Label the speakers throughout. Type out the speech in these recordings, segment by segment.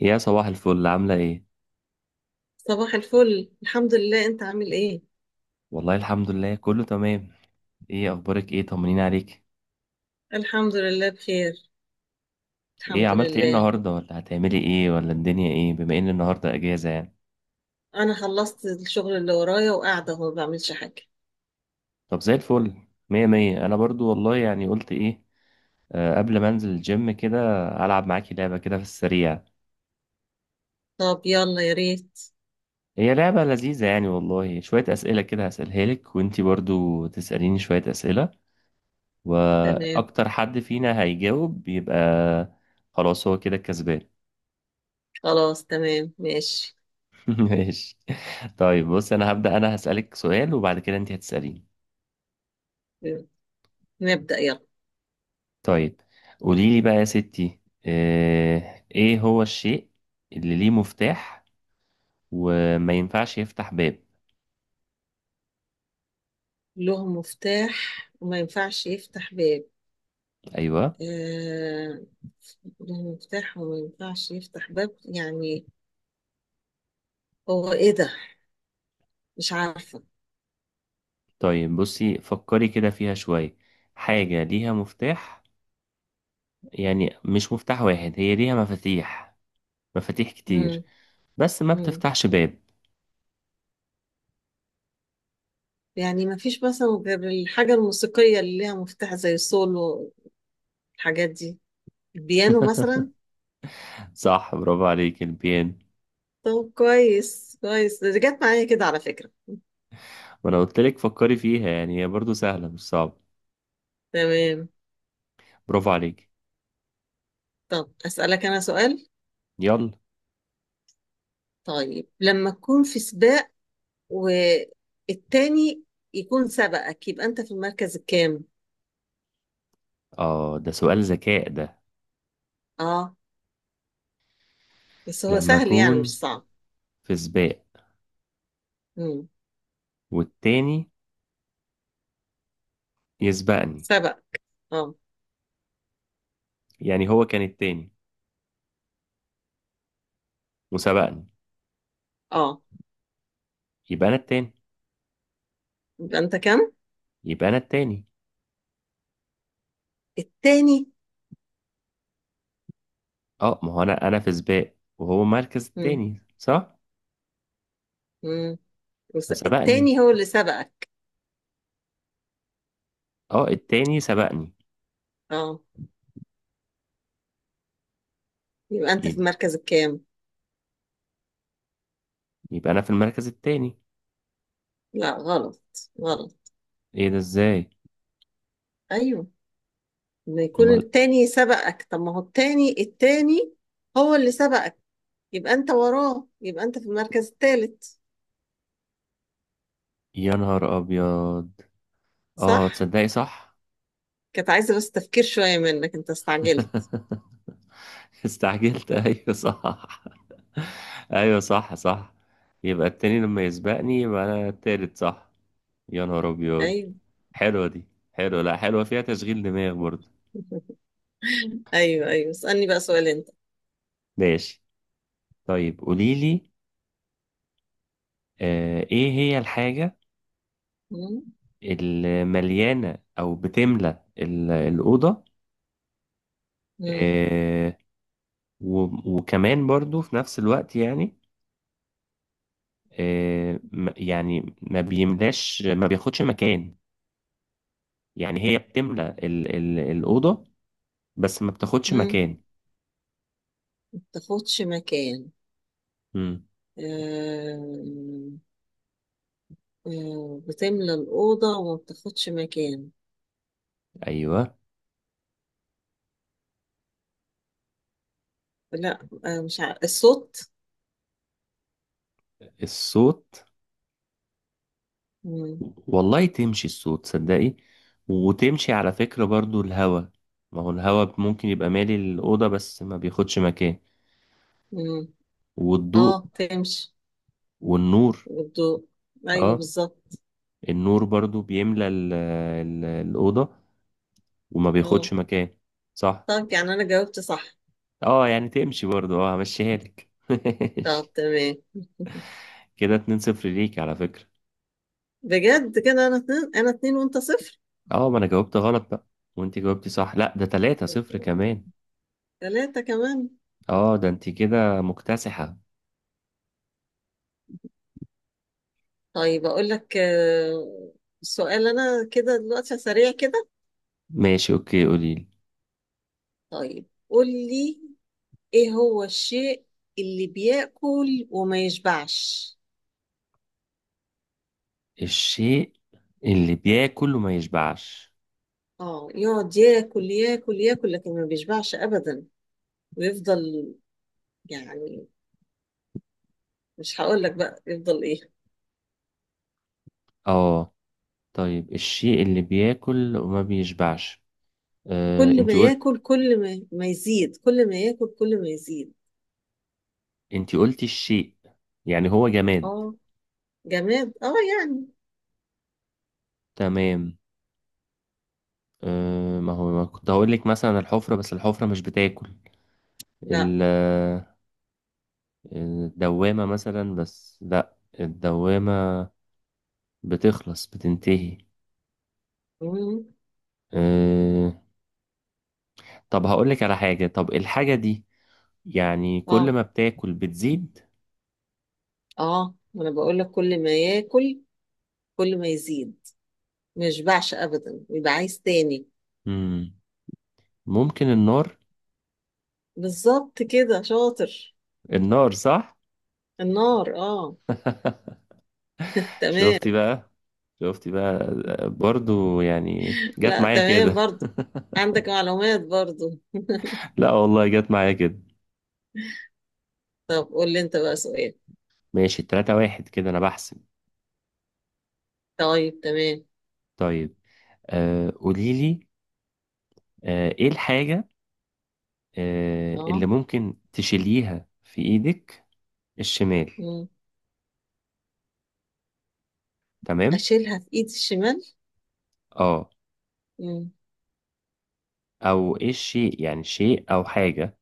Speaker 1: يا صباح الفل، عاملة ايه؟
Speaker 2: صباح الفل، الحمد لله. انت عامل ايه؟
Speaker 1: والله الحمد لله كله تمام. ايه اخبارك، ايه طمنين عليك.
Speaker 2: الحمد لله بخير.
Speaker 1: ايه
Speaker 2: الحمد
Speaker 1: عملت ايه
Speaker 2: لله.
Speaker 1: النهاردة، ولا هتعملي ايه، ولا الدنيا ايه، بما ان النهاردة اجازة يعني.
Speaker 2: انا خلصت الشغل اللي ورايا وقاعده اهو ما بعملش حاجه.
Speaker 1: طب زي الفل، مية مية. انا برضو والله، يعني قلت ايه، قبل ما انزل الجيم كده العب معاكي لعبة كده في السريع.
Speaker 2: طب يلا يا ريت.
Speaker 1: هي لعبة لذيذة يعني والله، شوية اسئلة كده هسألها لك، وانتي برضو تسأليني شوية اسئلة،
Speaker 2: تمام.
Speaker 1: واكتر حد فينا هيجاوب يبقى خلاص هو كده الكسبان.
Speaker 2: خلاص تمام ماشي.
Speaker 1: ماشي. طيب بص، انا هسألك سؤال، وبعد كده انت هتسأليني.
Speaker 2: نبدأ يلا.
Speaker 1: طيب قولي لي بقى يا ستي، ايه هو الشيء اللي ليه مفتاح وما ينفعش يفتح باب؟
Speaker 2: له مفتاح وما ينفعش يفتح باب.
Speaker 1: ايوه.
Speaker 2: آه... له مفتاح وما ينفعش يفتح باب يعني. هو ايه ده؟ مش عارفه.
Speaker 1: طيب بصي فكري كده فيها شوية. حاجة ليها مفتاح، يعني مش مفتاح واحد، هي ليها مفاتيح، مفاتيح كتير،
Speaker 2: مم.
Speaker 1: بس ما
Speaker 2: مم.
Speaker 1: بتفتحش باب.
Speaker 2: يعني ما فيش مثلا غير الحاجة الموسيقية اللي ليها مفتاح زي سولو. الحاجات دي. البيانو مثلا.
Speaker 1: صح، برافو عليك، البيان.
Speaker 2: طب كويس كويس، ده جت معايا كده على فكرة.
Speaker 1: وانا قلت لك فكري فيها، يعني هي برضو سهلة مش صعبة.
Speaker 2: تمام.
Speaker 1: برافو عليك.
Speaker 2: طب أسألك أنا سؤال.
Speaker 1: يلا.
Speaker 2: طيب لما تكون في سباق والتاني يكون سبقك، يبقى أنت في المركز الكام؟
Speaker 1: اه ده سؤال ذكاء ده.
Speaker 2: آه. بس هو
Speaker 1: لما
Speaker 2: سهل يعني مش
Speaker 1: اكون
Speaker 2: صعب.
Speaker 1: في سباق
Speaker 2: مم.
Speaker 1: والتاني يسبقني،
Speaker 2: سبق. آه.
Speaker 1: يعني هو كان التاني وسبقني،
Speaker 2: آه.
Speaker 1: يبقى انا التاني.
Speaker 2: يبقى أنت كام؟
Speaker 1: يبقى انا التاني.
Speaker 2: التاني.
Speaker 1: اه ما هو انا في سباق، وهو مركز
Speaker 2: مم.
Speaker 1: التاني، صح؟
Speaker 2: مم.
Speaker 1: فسبقني.
Speaker 2: التاني هو اللي سبقك.
Speaker 1: اه التاني سبقني.
Speaker 2: آه. يبقى أنت في
Speaker 1: يب-
Speaker 2: المركز الكام؟
Speaker 1: يبقى انا في المركز التاني.
Speaker 2: لا غلط. غلط.
Speaker 1: ايه ده ازاي؟
Speaker 2: أيوه. إن يكون
Speaker 1: امال.
Speaker 2: التاني سبقك، طب ما هو التاني التاني هو اللي سبقك. يبقى انت وراه، يبقى انت في المركز الثالث.
Speaker 1: يا نهار ابيض.
Speaker 2: صح.
Speaker 1: اه تصدقي صح.
Speaker 2: كانت عايزة بس تفكير شوية منك، انت استعجلت.
Speaker 1: استعجلت، ايوه صح. ايوه صح صح. يبقى التاني لما يسبقني يبقى انا التالت، صح. يا نهار ابيض.
Speaker 2: ايوه.
Speaker 1: حلوه دي. حلوه، لا حلوه، فيها تشغيل دماغ برضه.
Speaker 2: ايوه ايوه، اسألني بقى سؤال انت.
Speaker 1: ماشي. طيب قوليلي، ايه هي الحاجه
Speaker 2: مم.
Speaker 1: اللي مليانه او بتملى الاوضه،
Speaker 2: مم.
Speaker 1: آه وكمان برضه في نفس الوقت يعني، يعني ما بيملاش، ما بياخدش مكان. يعني هي بتملى الأوضة بس ما بتاخدش
Speaker 2: مم.
Speaker 1: مكان.
Speaker 2: ما بتاخدش مكان.
Speaker 1: امم.
Speaker 2: آم، بتملى الأوضة وما بتاخدش مكان.
Speaker 1: ايوه.
Speaker 2: لا، مش عارف. الصوت؟
Speaker 1: الصوت.
Speaker 2: مم.
Speaker 1: والله تمشي الصوت صدقي، وتمشي على فكرة برضو الهوا. ما هو الهوا ممكن يبقى مالي الأوضة بس ما بياخدش مكان.
Speaker 2: مم. اه،
Speaker 1: والضوء.
Speaker 2: تمشي.
Speaker 1: والنور.
Speaker 2: والضوء. ايوه
Speaker 1: اه،
Speaker 2: بالظبط.
Speaker 1: النور برضو بيملى الأوضة وما
Speaker 2: اه.
Speaker 1: بياخدش مكان. صح.
Speaker 2: طب يعني انا جاوبت صح؟
Speaker 1: اه يعني تمشي برضو، اه همشيها لك.
Speaker 2: طب تمام.
Speaker 1: كده 2 صفر ليك على فكرة.
Speaker 2: بجد كده انا 2، انا 2 وانت 0.
Speaker 1: اه ما انا جاوبت غلط بقى، وانت جاوبتي صح. لا ده 3 صفر كمان.
Speaker 2: 3 كمان.
Speaker 1: اه ده انت كده مكتسحة.
Speaker 2: طيب اقول لك، سؤال انا كده دلوقتي سريع كده.
Speaker 1: ماشي اوكي قوليلي.
Speaker 2: طيب قول لي، ايه هو الشيء اللي بياكل وما يشبعش؟
Speaker 1: الشيء اللي بياكل وما يشبعش.
Speaker 2: اه يقعد ياكل ياكل ياكل لكن ما بيشبعش ابدا، ويفضل يعني. مش هقول لك بقى يفضل ايه.
Speaker 1: اه طيب، الشيء اللي بياكل وما بيشبعش. آه
Speaker 2: كل ما
Speaker 1: انت قلت،
Speaker 2: ياكل كل ما يزيد، كل ما ياكل كل ما يزيد.
Speaker 1: انت قلتي الشيء، يعني هو جماد.
Speaker 2: اه، جماد اه يعني.
Speaker 1: تمام. آه ما هو ما كنت هقول لك مثلا الحفرة، بس الحفرة مش بتاكل.
Speaker 2: لا.
Speaker 1: ال- آه، الدوامة مثلا، بس لا الدوامة بتخلص بتنتهي.
Speaker 2: مم.
Speaker 1: آه طب هقول لك على حاجة، طب الحاجة دي يعني كل
Speaker 2: اه
Speaker 1: ما بتاكل بتزيد.
Speaker 2: اه، ما انا بقول لك كل ما ياكل كل ما يزيد، ما يشبعش ابدا ويبقى عايز تاني.
Speaker 1: مم. ممكن النار.
Speaker 2: بالظبط كده شاطر.
Speaker 1: النار صح.
Speaker 2: النار اه.
Speaker 1: شفتي
Speaker 2: تمام.
Speaker 1: بقى، شفتي بقى. برضو يعني جت
Speaker 2: لا
Speaker 1: معايا
Speaker 2: تمام
Speaker 1: كده.
Speaker 2: برضو، عندك معلومات برضو.
Speaker 1: لا والله جت معايا كده.
Speaker 2: طب قول لي انت بقى سؤال.
Speaker 1: ماشي، 3-1 كده انا بحسب.
Speaker 2: طيب تمام.
Speaker 1: طيب. قولي لي، ايه الحاجة اللي
Speaker 2: اه.
Speaker 1: ممكن تشيليها في ايدك الشمال.
Speaker 2: مم.
Speaker 1: تمام.
Speaker 2: اشيلها في ايدي الشمال.
Speaker 1: اه.
Speaker 2: مم.
Speaker 1: او ايه الشيء، يعني شيء او حاجة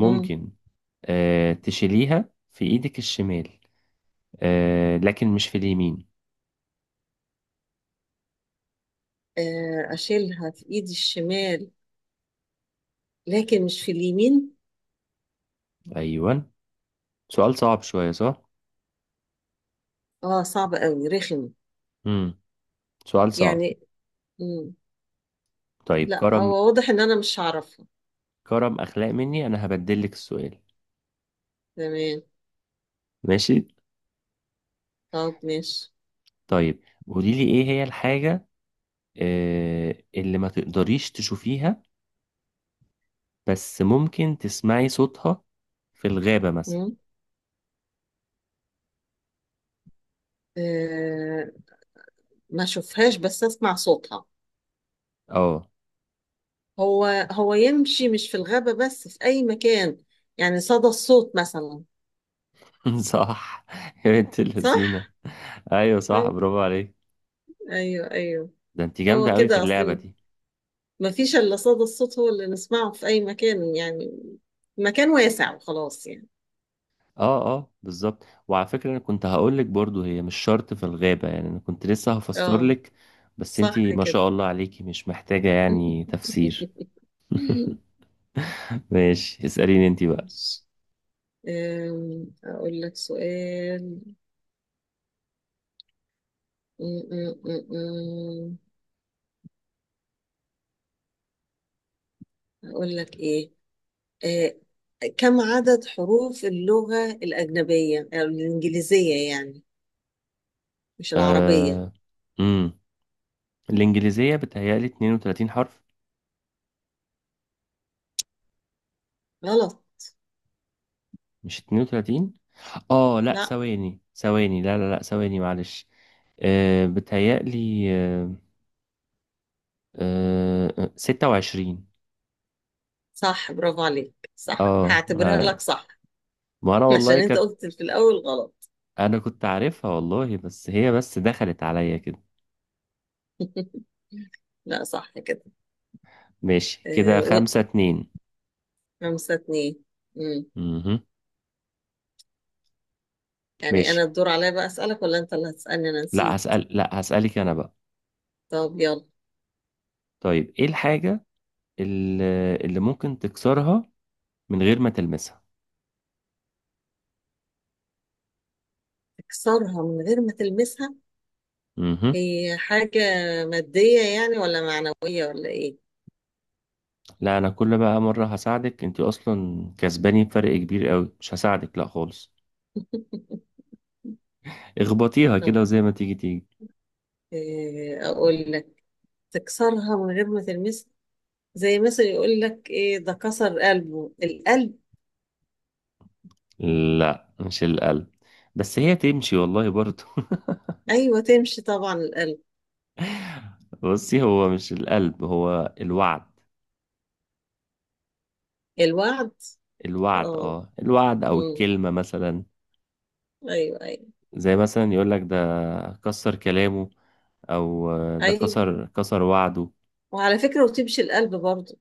Speaker 2: مم.
Speaker 1: تشيليها في ايدك الشمال، لكن مش في اليمين.
Speaker 2: آه، اشيلها في ايدي الشمال لكن مش في اليمين.
Speaker 1: أيوة. سؤال صعب شوية صح؟
Speaker 2: اه صعب قوي رخم
Speaker 1: مم. سؤال صعب.
Speaker 2: يعني. مم.
Speaker 1: طيب
Speaker 2: لا
Speaker 1: كرم،
Speaker 2: هو واضح ان انا مش هعرفها.
Speaker 1: كرم أخلاق مني أنا هبدل لك السؤال.
Speaker 2: تمام.
Speaker 1: ماشي؟
Speaker 2: طب ماشي.
Speaker 1: طيب قولي لي إيه هي الحاجة اللي ما تقدريش تشوفيها بس ممكن تسمعي صوتها، في الغابة مثلا.
Speaker 2: مم. آه ما اشوفهاش بس اسمع صوتها.
Speaker 1: اه.
Speaker 2: هو هو يمشي مش في الغابة بس في اي مكان. يعني صدى الصوت مثلا.
Speaker 1: صح. يا بنت اللذينة.
Speaker 2: صح.
Speaker 1: أيوة صح،
Speaker 2: آه،
Speaker 1: برافو عليك.
Speaker 2: ايوه ايوه.
Speaker 1: ده أنت جامدة
Speaker 2: هو
Speaker 1: أوي في
Speaker 2: كده
Speaker 1: اللعبة
Speaker 2: اصلي.
Speaker 1: دي.
Speaker 2: ما فيش الا صدى الصوت، هو اللي نسمعه في اي مكان يعني. مكان واسع وخلاص يعني.
Speaker 1: اه اه بالظبط. وعلى فكرة انا كنت هقول لك برضو هي مش شرط في الغابة، يعني انا كنت لسه هفسر
Speaker 2: اه
Speaker 1: لك، بس انتي
Speaker 2: صح
Speaker 1: ما
Speaker 2: كده.
Speaker 1: شاء الله عليكي مش محتاجة يعني تفسير. ماشي اسأليني انتي بقى.
Speaker 2: ماشي. اقول لك سؤال. أقول لك إيه، آه، كم عدد حروف اللغة الأجنبية أو الإنجليزية يعني، مش العربية؟
Speaker 1: آه... امم الانجليزية بتهيألي 32 حرف.
Speaker 2: غلط.
Speaker 1: مش 32. اه لا،
Speaker 2: لا
Speaker 1: ثواني ثواني، لا لا لا ثواني معلش. بتهيألي 26.
Speaker 2: صح، برافو عليك. صح
Speaker 1: اه
Speaker 2: هعتبرها لك صح.
Speaker 1: ما انا
Speaker 2: عشان
Speaker 1: والله
Speaker 2: أنت
Speaker 1: كانت،
Speaker 2: قلت في الأول غلط.
Speaker 1: انا كنت عارفها والله، بس هي بس دخلت عليا كده.
Speaker 2: لا صح كده.
Speaker 1: ماشي كده
Speaker 2: آه، و-
Speaker 1: خمسة اتنين.
Speaker 2: 5-2. مم.
Speaker 1: مهم.
Speaker 2: يعني أنا
Speaker 1: ماشي.
Speaker 2: الدور عليا بقى أسألك، ولا أنت اللي هتسألني؟ أنا نسيت.
Speaker 1: لا هسألك انا بقى.
Speaker 2: طب يلا.
Speaker 1: طيب ايه الحاجة اللي ممكن تكسرها من غير ما تلمسها؟
Speaker 2: تكسرها من غير ما تلمسها.
Speaker 1: مهم.
Speaker 2: هي حاجة مادية يعني ولا معنوية ولا إيه؟
Speaker 1: لا انا كل بقى مرة هساعدك، انت اصلا كسباني بفرق كبير قوي، مش هساعدك لا خالص. اخبطيها
Speaker 2: طب
Speaker 1: كده وزي ما تيجي تيجي.
Speaker 2: إيه أقول لك. تكسرها من غير ما تلمسها. زي مثلا يقول لك إيه؟ ده كسر قلبه، القلب.
Speaker 1: لا مش القلب، بس هي تمشي والله برضه.
Speaker 2: أيوة تمشي طبعا القلب.
Speaker 1: بصي، هو مش القلب، هو الوعد.
Speaker 2: الوعد.
Speaker 1: الوعد،
Speaker 2: اه.
Speaker 1: اه الوعد او
Speaker 2: أمم.
Speaker 1: الكلمة مثلا.
Speaker 2: أيوة أيوة.
Speaker 1: زي مثلا يقول لك ده كسر كلامه، او ده
Speaker 2: أيوة.
Speaker 1: كسر وعده.
Speaker 2: وعلى فكرة، وتمشي القلب برضو.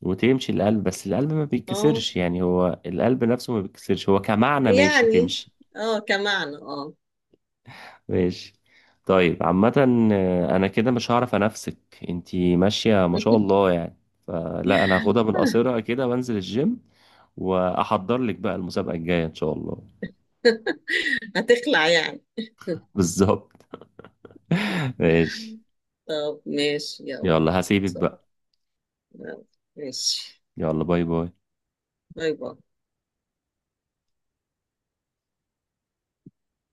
Speaker 1: وتمشي القلب، بس القلب ما
Speaker 2: اه
Speaker 1: بيتكسرش يعني، هو القلب نفسه ما بيتكسرش، هو كمعنى ماشي
Speaker 2: يعني
Speaker 1: تمشي.
Speaker 2: اه كمعنى اه.
Speaker 1: ماشي. طيب عامة، انا كده مش هعرف انافسك، انتي ماشية ما شاء الله يعني. فلا انا هاخدها من قصيرها كده وانزل الجيم، واحضر لك بقى المسابقة الجاية ان شاء الله.
Speaker 2: هتخلع يعني.
Speaker 1: بالظبط. ماشي.
Speaker 2: طب ماشي يلا.
Speaker 1: يلا هسيبك
Speaker 2: طب،
Speaker 1: بقى.
Speaker 2: يلا. ماشي.
Speaker 1: يلا باي باي.
Speaker 2: باي باي.